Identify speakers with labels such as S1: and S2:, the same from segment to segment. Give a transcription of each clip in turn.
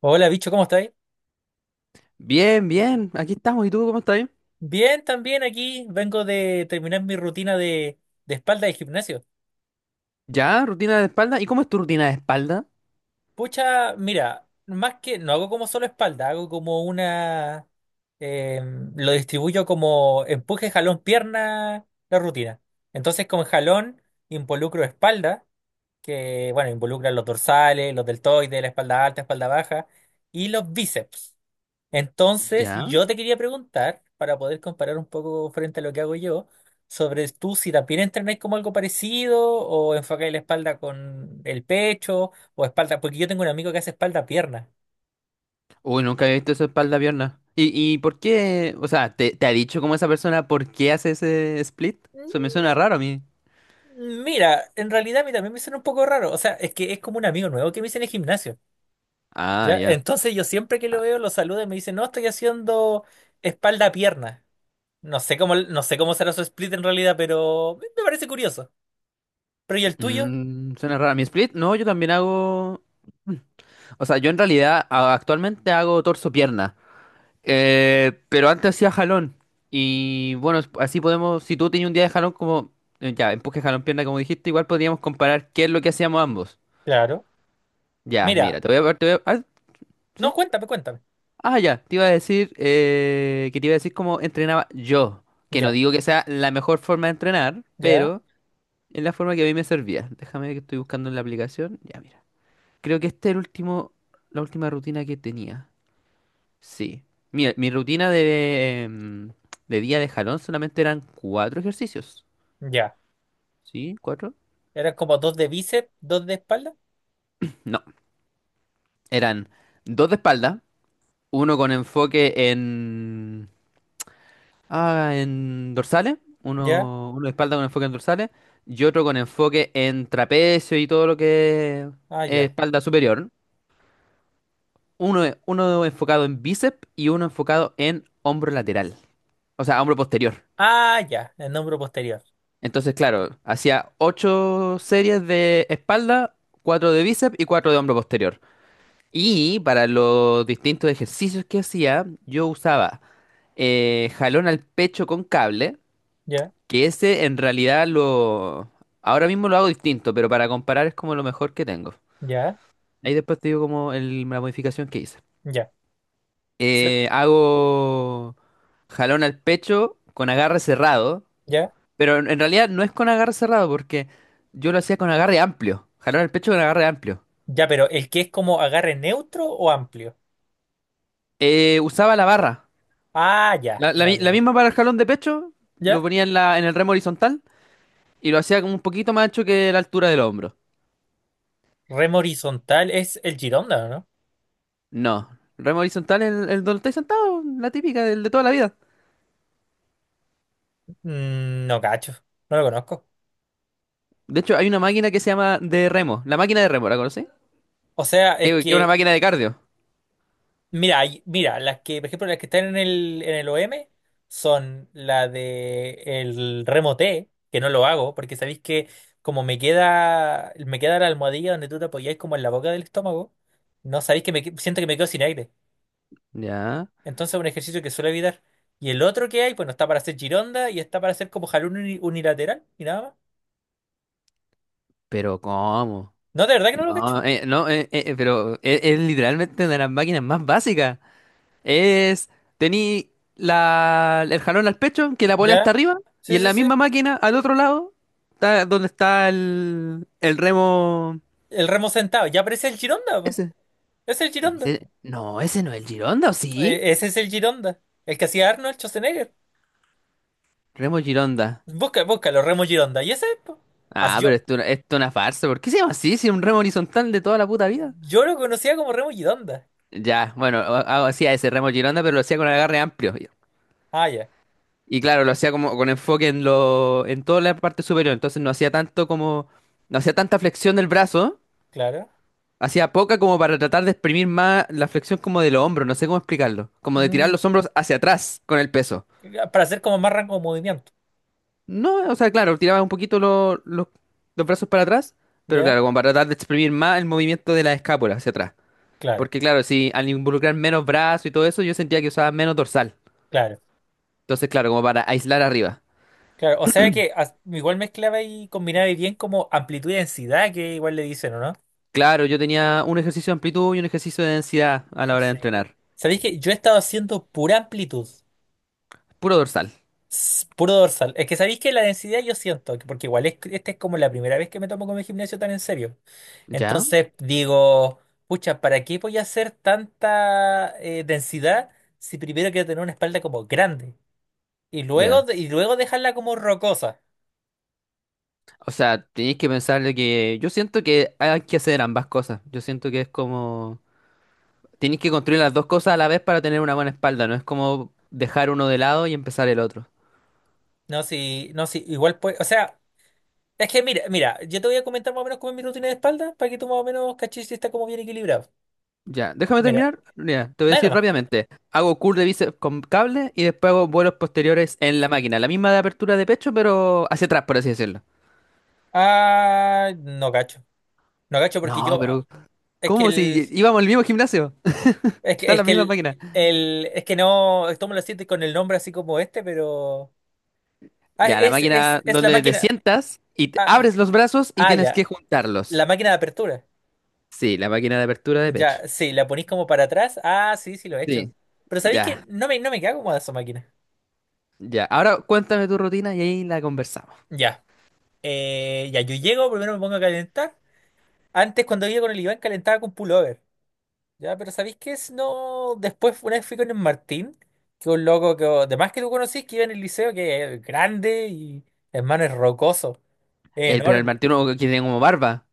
S1: Hola, bicho, ¿cómo estáis?
S2: Bien, bien, aquí estamos. ¿Y tú cómo estás?
S1: Bien, también aquí vengo de terminar mi rutina de espalda de gimnasio.
S2: Ya, rutina de espalda. ¿Y cómo es tu rutina de espalda?
S1: Pucha, mira, más que no hago como solo espalda, hago como una... eh, lo distribuyo como empuje, jalón, pierna, la rutina. Entonces con jalón involucro espalda, que bueno, involucra los dorsales, los deltoides, la espalda alta, espalda baja, y los bíceps. Entonces,
S2: Ya.
S1: yo te quería preguntar, para poder comparar un poco frente a lo que hago yo, sobre tú si también entrenáis como algo parecido o enfocáis la espalda con el pecho o espalda, porque yo tengo un amigo que hace espalda-pierna.
S2: Uy, nunca había visto esa espalda pierna. ¿Y por qué? O sea, ¿te ha dicho como esa persona por qué hace ese split?
S1: Mm,
S2: Eso me suena raro a mí.
S1: mira, en realidad a mí también me suena un poco raro, o sea, es que es como un amigo nuevo que me hice en el gimnasio,
S2: Ah,
S1: ¿ya?
S2: ya.
S1: Entonces yo siempre que lo
S2: Ah,
S1: veo lo saludo y me dice, no, estoy haciendo espalda-pierna. No sé cómo, no sé cómo será su split en realidad, pero me parece curioso. ¿Pero y el tuyo?
S2: suena raro. ¿Mi split? No, yo también hago. Mm. O sea, yo en realidad actualmente hago torso-pierna. Pero antes hacía jalón. Y bueno, así podemos, si tú tenías un día de jalón como, ya, empuje, jalón, pierna, como dijiste, igual podríamos comparar qué es lo que hacíamos ambos.
S1: Claro.
S2: Ya, mira,
S1: Mira.
S2: te voy a... Te voy a- ah,
S1: No,
S2: ¿sí?
S1: cuéntame, cuéntame.
S2: Ah, ya, te iba a decir, que te iba a decir cómo entrenaba yo. Que no
S1: Ya,
S2: digo que sea la mejor forma de entrenar,
S1: ya,
S2: pero es la forma que a mí me servía. Déjame ver que estoy buscando en la aplicación. Ya, mira. Creo que esta es el último, la última rutina que tenía. Sí. Mira, mi rutina de día de jalón solamente eran cuatro ejercicios.
S1: ya.
S2: ¿Sí? ¿Cuatro?
S1: Eran como dos de bíceps, dos de espalda.
S2: No. Eran dos de espalda, uno con enfoque en dorsales,
S1: Ya,
S2: uno de espalda con enfoque en dorsales, y otro con enfoque en trapecio y todo lo que
S1: ah,
S2: es
S1: ya.
S2: espalda superior. Uno enfocado en bíceps y uno enfocado en hombro lateral, o sea, hombro posterior.
S1: Ah, ya, el hombro posterior.
S2: Entonces, claro, hacía ocho series de espalda, cuatro de bíceps y cuatro de hombro posterior. Y para los distintos ejercicios que hacía, yo usaba jalón al pecho con cable,
S1: Ya,
S2: que ese en realidad lo. Ahora mismo lo hago distinto, pero para comparar es como lo mejor que tengo.
S1: ya,
S2: Ahí después te digo como la modificación que hice.
S1: ya. Se-
S2: Hago jalón al pecho con agarre cerrado.
S1: Ya,
S2: Pero en realidad no es con agarre cerrado, porque yo lo hacía con agarre amplio. Jalón al pecho con agarre amplio.
S1: ya, pero el que es como agarre neutro o amplio.
S2: Usaba la barra.
S1: Ah, ya,
S2: La, la
S1: ya,
S2: mi-
S1: ya,
S2: la
S1: ya.
S2: misma para el jalón de pecho, lo
S1: Ya.
S2: ponía en el remo horizontal y lo hacía como un poquito más ancho que la altura del hombro.
S1: Remo horizontal es el Gironda, ¿o no?
S2: No, remo horizontal es el donde estáis sentado, la típica, del de toda la vida.
S1: Mm, no cacho, no lo conozco.
S2: De hecho, hay una máquina que se llama de remo. La máquina de remo, ¿la conocí?
S1: O sea,
S2: Que
S1: es
S2: que es una
S1: que
S2: máquina de cardio.
S1: mira, mira, las que, por ejemplo, las que están en el OM son la de el remo T, que no lo hago, porque sabéis que me queda la almohadilla donde tú te apoyáis como en la boca del estómago, no sabéis que siento que me quedo sin aire.
S2: Ya,
S1: Entonces es un ejercicio que suelo evitar. Y el otro que hay, bueno, está para hacer gironda y está para hacer como jalón unilateral y nada más.
S2: pero ¿cómo?
S1: No, de verdad que no lo cacho.
S2: No, pero es literalmente una de las máquinas más básicas. Es, Tení el jalón al pecho, que la polea está
S1: Ya.
S2: arriba, y
S1: Sí,
S2: en
S1: sí,
S2: la
S1: sí.
S2: misma máquina, al otro lado, está donde está el remo.
S1: El remo sentado. Ya aparece el gironda, po.
S2: Ese.
S1: Es el gironda.
S2: No, ese no es el Gironda, ¿o sí?
S1: Ese es el Gironda, el que hacía Arnold Schwarzenegger.
S2: Remo Gironda.
S1: Busca, búscalo, Remo Gironda. Y ese, es, po. As-
S2: Ah,
S1: yo,
S2: pero esto es una farsa. ¿Por qué se llama así? Si es un remo horizontal de toda la puta vida.
S1: yo lo conocía como Remo Gironda.
S2: Ya, bueno, hacía ese remo Gironda, pero lo hacía con agarre amplio.
S1: Ah, ya,
S2: Y claro, lo hacía como con enfoque en toda la parte superior. Entonces no hacía tanto como, no hacía tanta flexión del brazo.
S1: claro.
S2: Hacía poca como para tratar de exprimir más la flexión como de los hombros, no sé cómo explicarlo. Como de tirar
S1: Mm,
S2: los hombros hacia atrás con el peso.
S1: para hacer como más rango de movimiento.
S2: No, o sea, claro, tiraba un poquito los brazos para atrás, pero claro,
S1: ¿Ya?
S2: como para tratar de exprimir más el movimiento de la escápula hacia atrás.
S1: Claro,
S2: Porque claro, si al involucrar menos brazos y todo eso, yo sentía que usaba menos dorsal.
S1: claro,
S2: Entonces, claro, como para aislar arriba.
S1: claro. O sea que igual mezclaba y combinaba bien como amplitud y densidad, que igual le dicen, ¿o no?
S2: Claro, yo tenía un ejercicio de amplitud y un ejercicio de densidad a la hora de
S1: Sí.
S2: entrenar.
S1: ¿Sabéis que yo he estado haciendo pura amplitud?
S2: Puro dorsal.
S1: Puro dorsal. Es que sabéis que la densidad yo siento, porque igual esta es como la primera vez que me tomo con el gimnasio tan en serio.
S2: ¿Ya?
S1: Entonces digo, pucha, ¿para qué voy a hacer tanta densidad si primero quiero tener una espalda como grande? Y luego,
S2: Ya.
S1: y luego dejarla como rocosa.
S2: O sea, tenéis que pensarle que yo siento que hay que hacer ambas cosas. Yo siento que es como tenéis que construir las dos cosas a la vez para tener una buena espalda, no es como dejar uno de lado y empezar el otro.
S1: No, si, no, si, igual pues, o sea, es que mira, mira, yo te voy a comentar más o menos cómo es mi rutina de espalda para que tú más o menos caches si está como bien equilibrado.
S2: Ya, déjame
S1: Mira,
S2: terminar. Mira, te voy a
S1: dale
S2: decir
S1: nomás.
S2: rápidamente. Hago curl de bíceps con cable y después hago vuelos posteriores en la máquina. La misma de apertura de pecho, pero hacia atrás, por así decirlo.
S1: Ah, no cacho. No cacho porque
S2: No, pero
S1: es que
S2: ¿cómo si íbamos al mismo gimnasio? Están
S1: es
S2: las
S1: que
S2: mismas máquinas.
S1: es que no, esto me lo siento con el nombre así como este, pero... Ah,
S2: Ya, la máquina
S1: es la
S2: donde te
S1: máquina.
S2: sientas y
S1: Ah,
S2: abres los brazos y
S1: ah,
S2: tienes
S1: ya.
S2: que juntarlos.
S1: La máquina de apertura.
S2: Sí, la máquina de apertura de
S1: Ya,
S2: pecho.
S1: sí, la ponís como para atrás. Ah, sí, sí, lo he hecho.
S2: Sí,
S1: Pero ¿sabéis que
S2: ya,
S1: No me queda cómoda esa máquina.
S2: ya. Ahora cuéntame tu rutina y ahí la conversamos.
S1: Ya. Ya, yo llego, primero me pongo a calentar. Antes, cuando iba con el Iván, calentaba con pullover. Ya, pero ¿sabéis qué es? No. Después, una vez fui con el Martín, que es un loco que, además que tú conocís, que iba en el liceo, que es grande y, hermano, es rocoso. Es
S2: Pero el
S1: enorme.
S2: Martino que tenía como barba.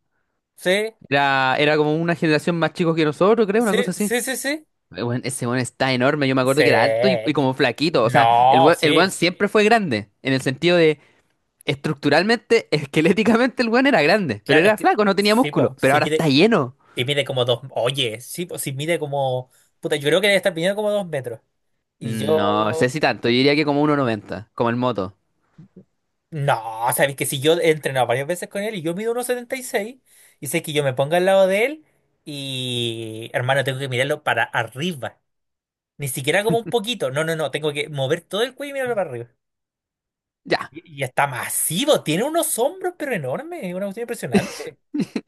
S1: Sí,
S2: Era como una generación más chico que nosotros, creo, una
S1: sí,
S2: cosa así.
S1: sí, sí, sí.
S2: Weón, ese weón está enorme. Yo me acuerdo
S1: Sí.
S2: que era alto y como flaquito. O sea, el
S1: No,
S2: weón, el weón
S1: sí.
S2: siempre fue grande. En el sentido de estructuralmente, esqueléticamente, el weón era grande. Pero
S1: Claro, es
S2: era
S1: que
S2: flaco, no tenía
S1: sí,
S2: músculo.
S1: po,
S2: Pero ahora está lleno.
S1: si mide como dos. Oye, sí, po, si mide como. Puta, yo creo que debe estar midiendo como 2 metros. Y
S2: No sé
S1: yo.
S2: si tanto. Yo diría que como 1,90, como el moto.
S1: No, sabes que si yo he entrenado varias veces con él y yo mido 1,76 y seis, y sé que yo me ponga al lado de él y. Hermano, tengo que mirarlo para arriba. Ni siquiera como un poquito. No, no, no. Tengo que mover todo el cuello y mirarlo para arriba.
S2: Ya.
S1: Y está masivo. Tiene unos hombros, pero enormes. Es una cuestión impresionante.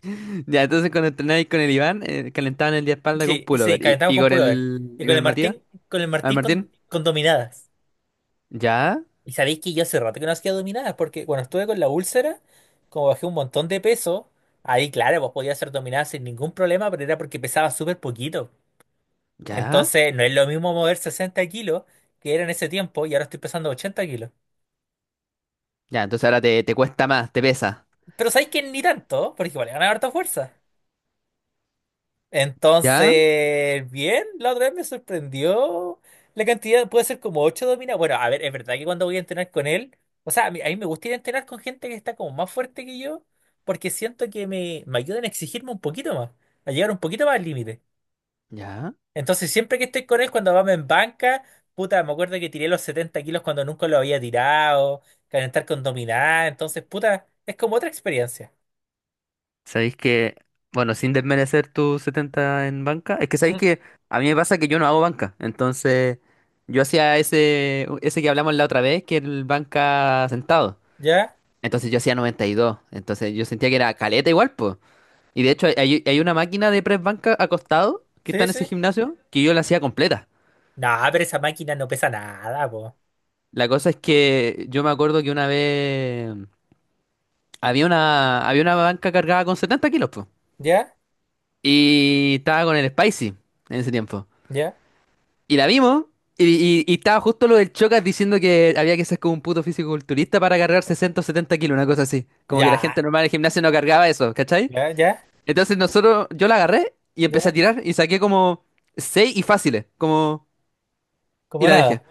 S2: Ya, entonces cuando entrenaba ahí con el Iván, calentaban el día de espalda con
S1: Sí, sí,
S2: pullover. ¿Y,
S1: calentamos
S2: y
S1: con
S2: con
S1: pullover.
S2: el,
S1: Y
S2: y
S1: con
S2: con
S1: el
S2: el Matías?
S1: Martín,
S2: ¿Al Martín?
S1: Con dominadas.
S2: ¿Ya?
S1: Y sabéis que yo hace rato que no hacía dominadas, porque cuando estuve con la úlcera, como bajé un montón de peso, ahí claro, pues podía hacer dominadas sin ningún problema, pero era porque pesaba súper poquito.
S2: ¿Ya?
S1: Entonces no es lo mismo mover 60 kilos que era en ese tiempo y ahora estoy pesando 80 kilos.
S2: Ya, entonces ahora te cuesta más, te pesa.
S1: Pero sabéis que ni tanto, porque igual ganar harta fuerza.
S2: ¿Ya?
S1: Entonces, bien, la otra vez me sorprendió la cantidad, puede ser como 8 dominadas. Bueno, a ver, es verdad que cuando voy a entrenar con él, o sea, a mí me gusta ir a entrenar con gente que está como más fuerte que yo, porque siento que me ayudan a exigirme un poquito más, a llegar un poquito más al límite.
S2: ¿Ya?
S1: Entonces, siempre que estoy con él, cuando vamos en banca, puta, me acuerdo que tiré los 70 kilos cuando nunca lo había tirado, calentar con dominada, entonces, puta, es como otra experiencia.
S2: Sabéis que, bueno, sin desmerecer tu 70 en banca, es que sabéis
S1: Mm.
S2: que a mí me pasa que yo no hago banca, entonces yo hacía ese que hablamos la otra vez, que era el banca sentado,
S1: ¿Ya?
S2: entonces yo hacía 92, entonces yo sentía que era caleta igual. Y de hecho, hay una máquina de press banca acostado que está
S1: Sí,
S2: en
S1: sí.
S2: ese gimnasio que yo la hacía completa.
S1: No, pero esa máquina no pesa nada,
S2: La cosa es que yo me acuerdo que una vez había una banca cargada con 70 kilos, po.
S1: ya,
S2: Y estaba con el Spicy en ese tiempo.
S1: ya,
S2: Y la vimos. Y, y estaba justo lo del Chocas diciendo que había que ser como un puto fisiculturista para cargar 60 o 70 kilos, una cosa así. Como que la
S1: ya,
S2: gente normal del gimnasio no cargaba eso, ¿cachai?
S1: ya, ya,
S2: Entonces nosotros, yo la agarré y empecé a
S1: ya,
S2: tirar y saqué como 6 y fáciles, como. Y
S1: como
S2: la dejé.
S1: nada.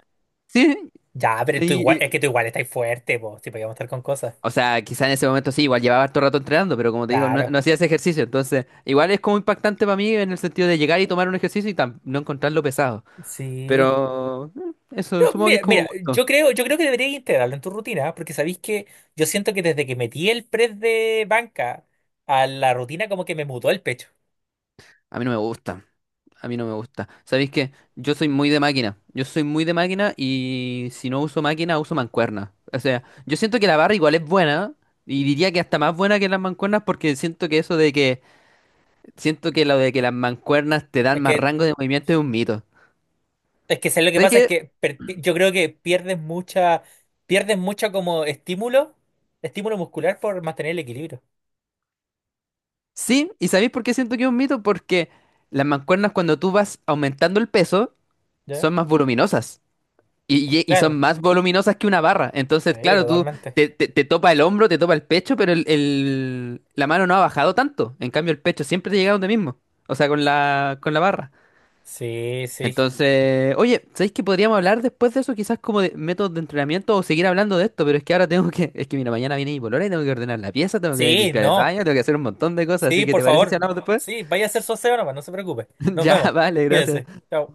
S2: Sí,
S1: Ya, pero tú igual,
S2: y-
S1: es
S2: y-
S1: que tú igual estás fuerte, vos, si podíamos estar con cosas.
S2: o sea, quizá en ese momento sí, igual llevaba harto rato entrenando, pero como te digo, no,
S1: Claro,
S2: no hacía ese ejercicio, entonces igual es como impactante para mí en el sentido de llegar y tomar un ejercicio y no encontrarlo pesado,
S1: sí.
S2: pero eso,
S1: No,
S2: supongo que es
S1: mira,
S2: como
S1: mira,
S2: gusto.
S1: yo creo que deberías integrarlo en tu rutina, porque sabéis que yo siento que desde que metí el press de banca a la rutina, como que me mutó el pecho.
S2: A mí no me gusta, a mí no me gusta. ¿Sabéis qué? Yo soy muy de máquina, yo soy muy de máquina y si no uso máquina, uso mancuerna. O sea, yo siento que la barra igual es buena y diría que hasta más buena que las mancuernas porque siento que eso de que, siento que lo de que las mancuernas te dan
S1: Es
S2: más
S1: que,
S2: rango de movimiento es un mito.
S1: es que ¿sabes lo que
S2: Es
S1: pasa? Es
S2: que
S1: que yo creo que pierdes mucha, pierdes mucho como estímulo, estímulo muscular por mantener el equilibrio.
S2: sí, ¿y sabéis por qué siento que es un mito? Porque las mancuernas cuando tú vas aumentando el peso
S1: ¿Ya?
S2: son más voluminosas y
S1: Claro,
S2: son más voluminosas que una barra. Entonces,
S1: sí,
S2: claro, tú
S1: totalmente.
S2: te topa el hombro, te topa el pecho, pero la mano no ha bajado tanto. En cambio, el pecho siempre te llega donde mismo, o sea, con la barra.
S1: Sí, sí.
S2: Entonces, oye, ¿sabéis que podríamos hablar después de eso? Quizás como de métodos de entrenamiento o seguir hablando de esto, pero es que ahora tengo que, es que mira, mañana viene mi polola y tengo que ordenar la pieza, tengo que
S1: Sí,
S2: limpiar el
S1: no.
S2: baño, tengo que hacer un montón de cosas, así
S1: Sí,
S2: que
S1: por
S2: ¿te parece si
S1: favor.
S2: hablamos después?
S1: Sí, vaya a hacer su aseo nomás, no se preocupe. Nos
S2: Ya,
S1: vemos.
S2: vale,
S1: Cuídese.
S2: gracias.
S1: Chao.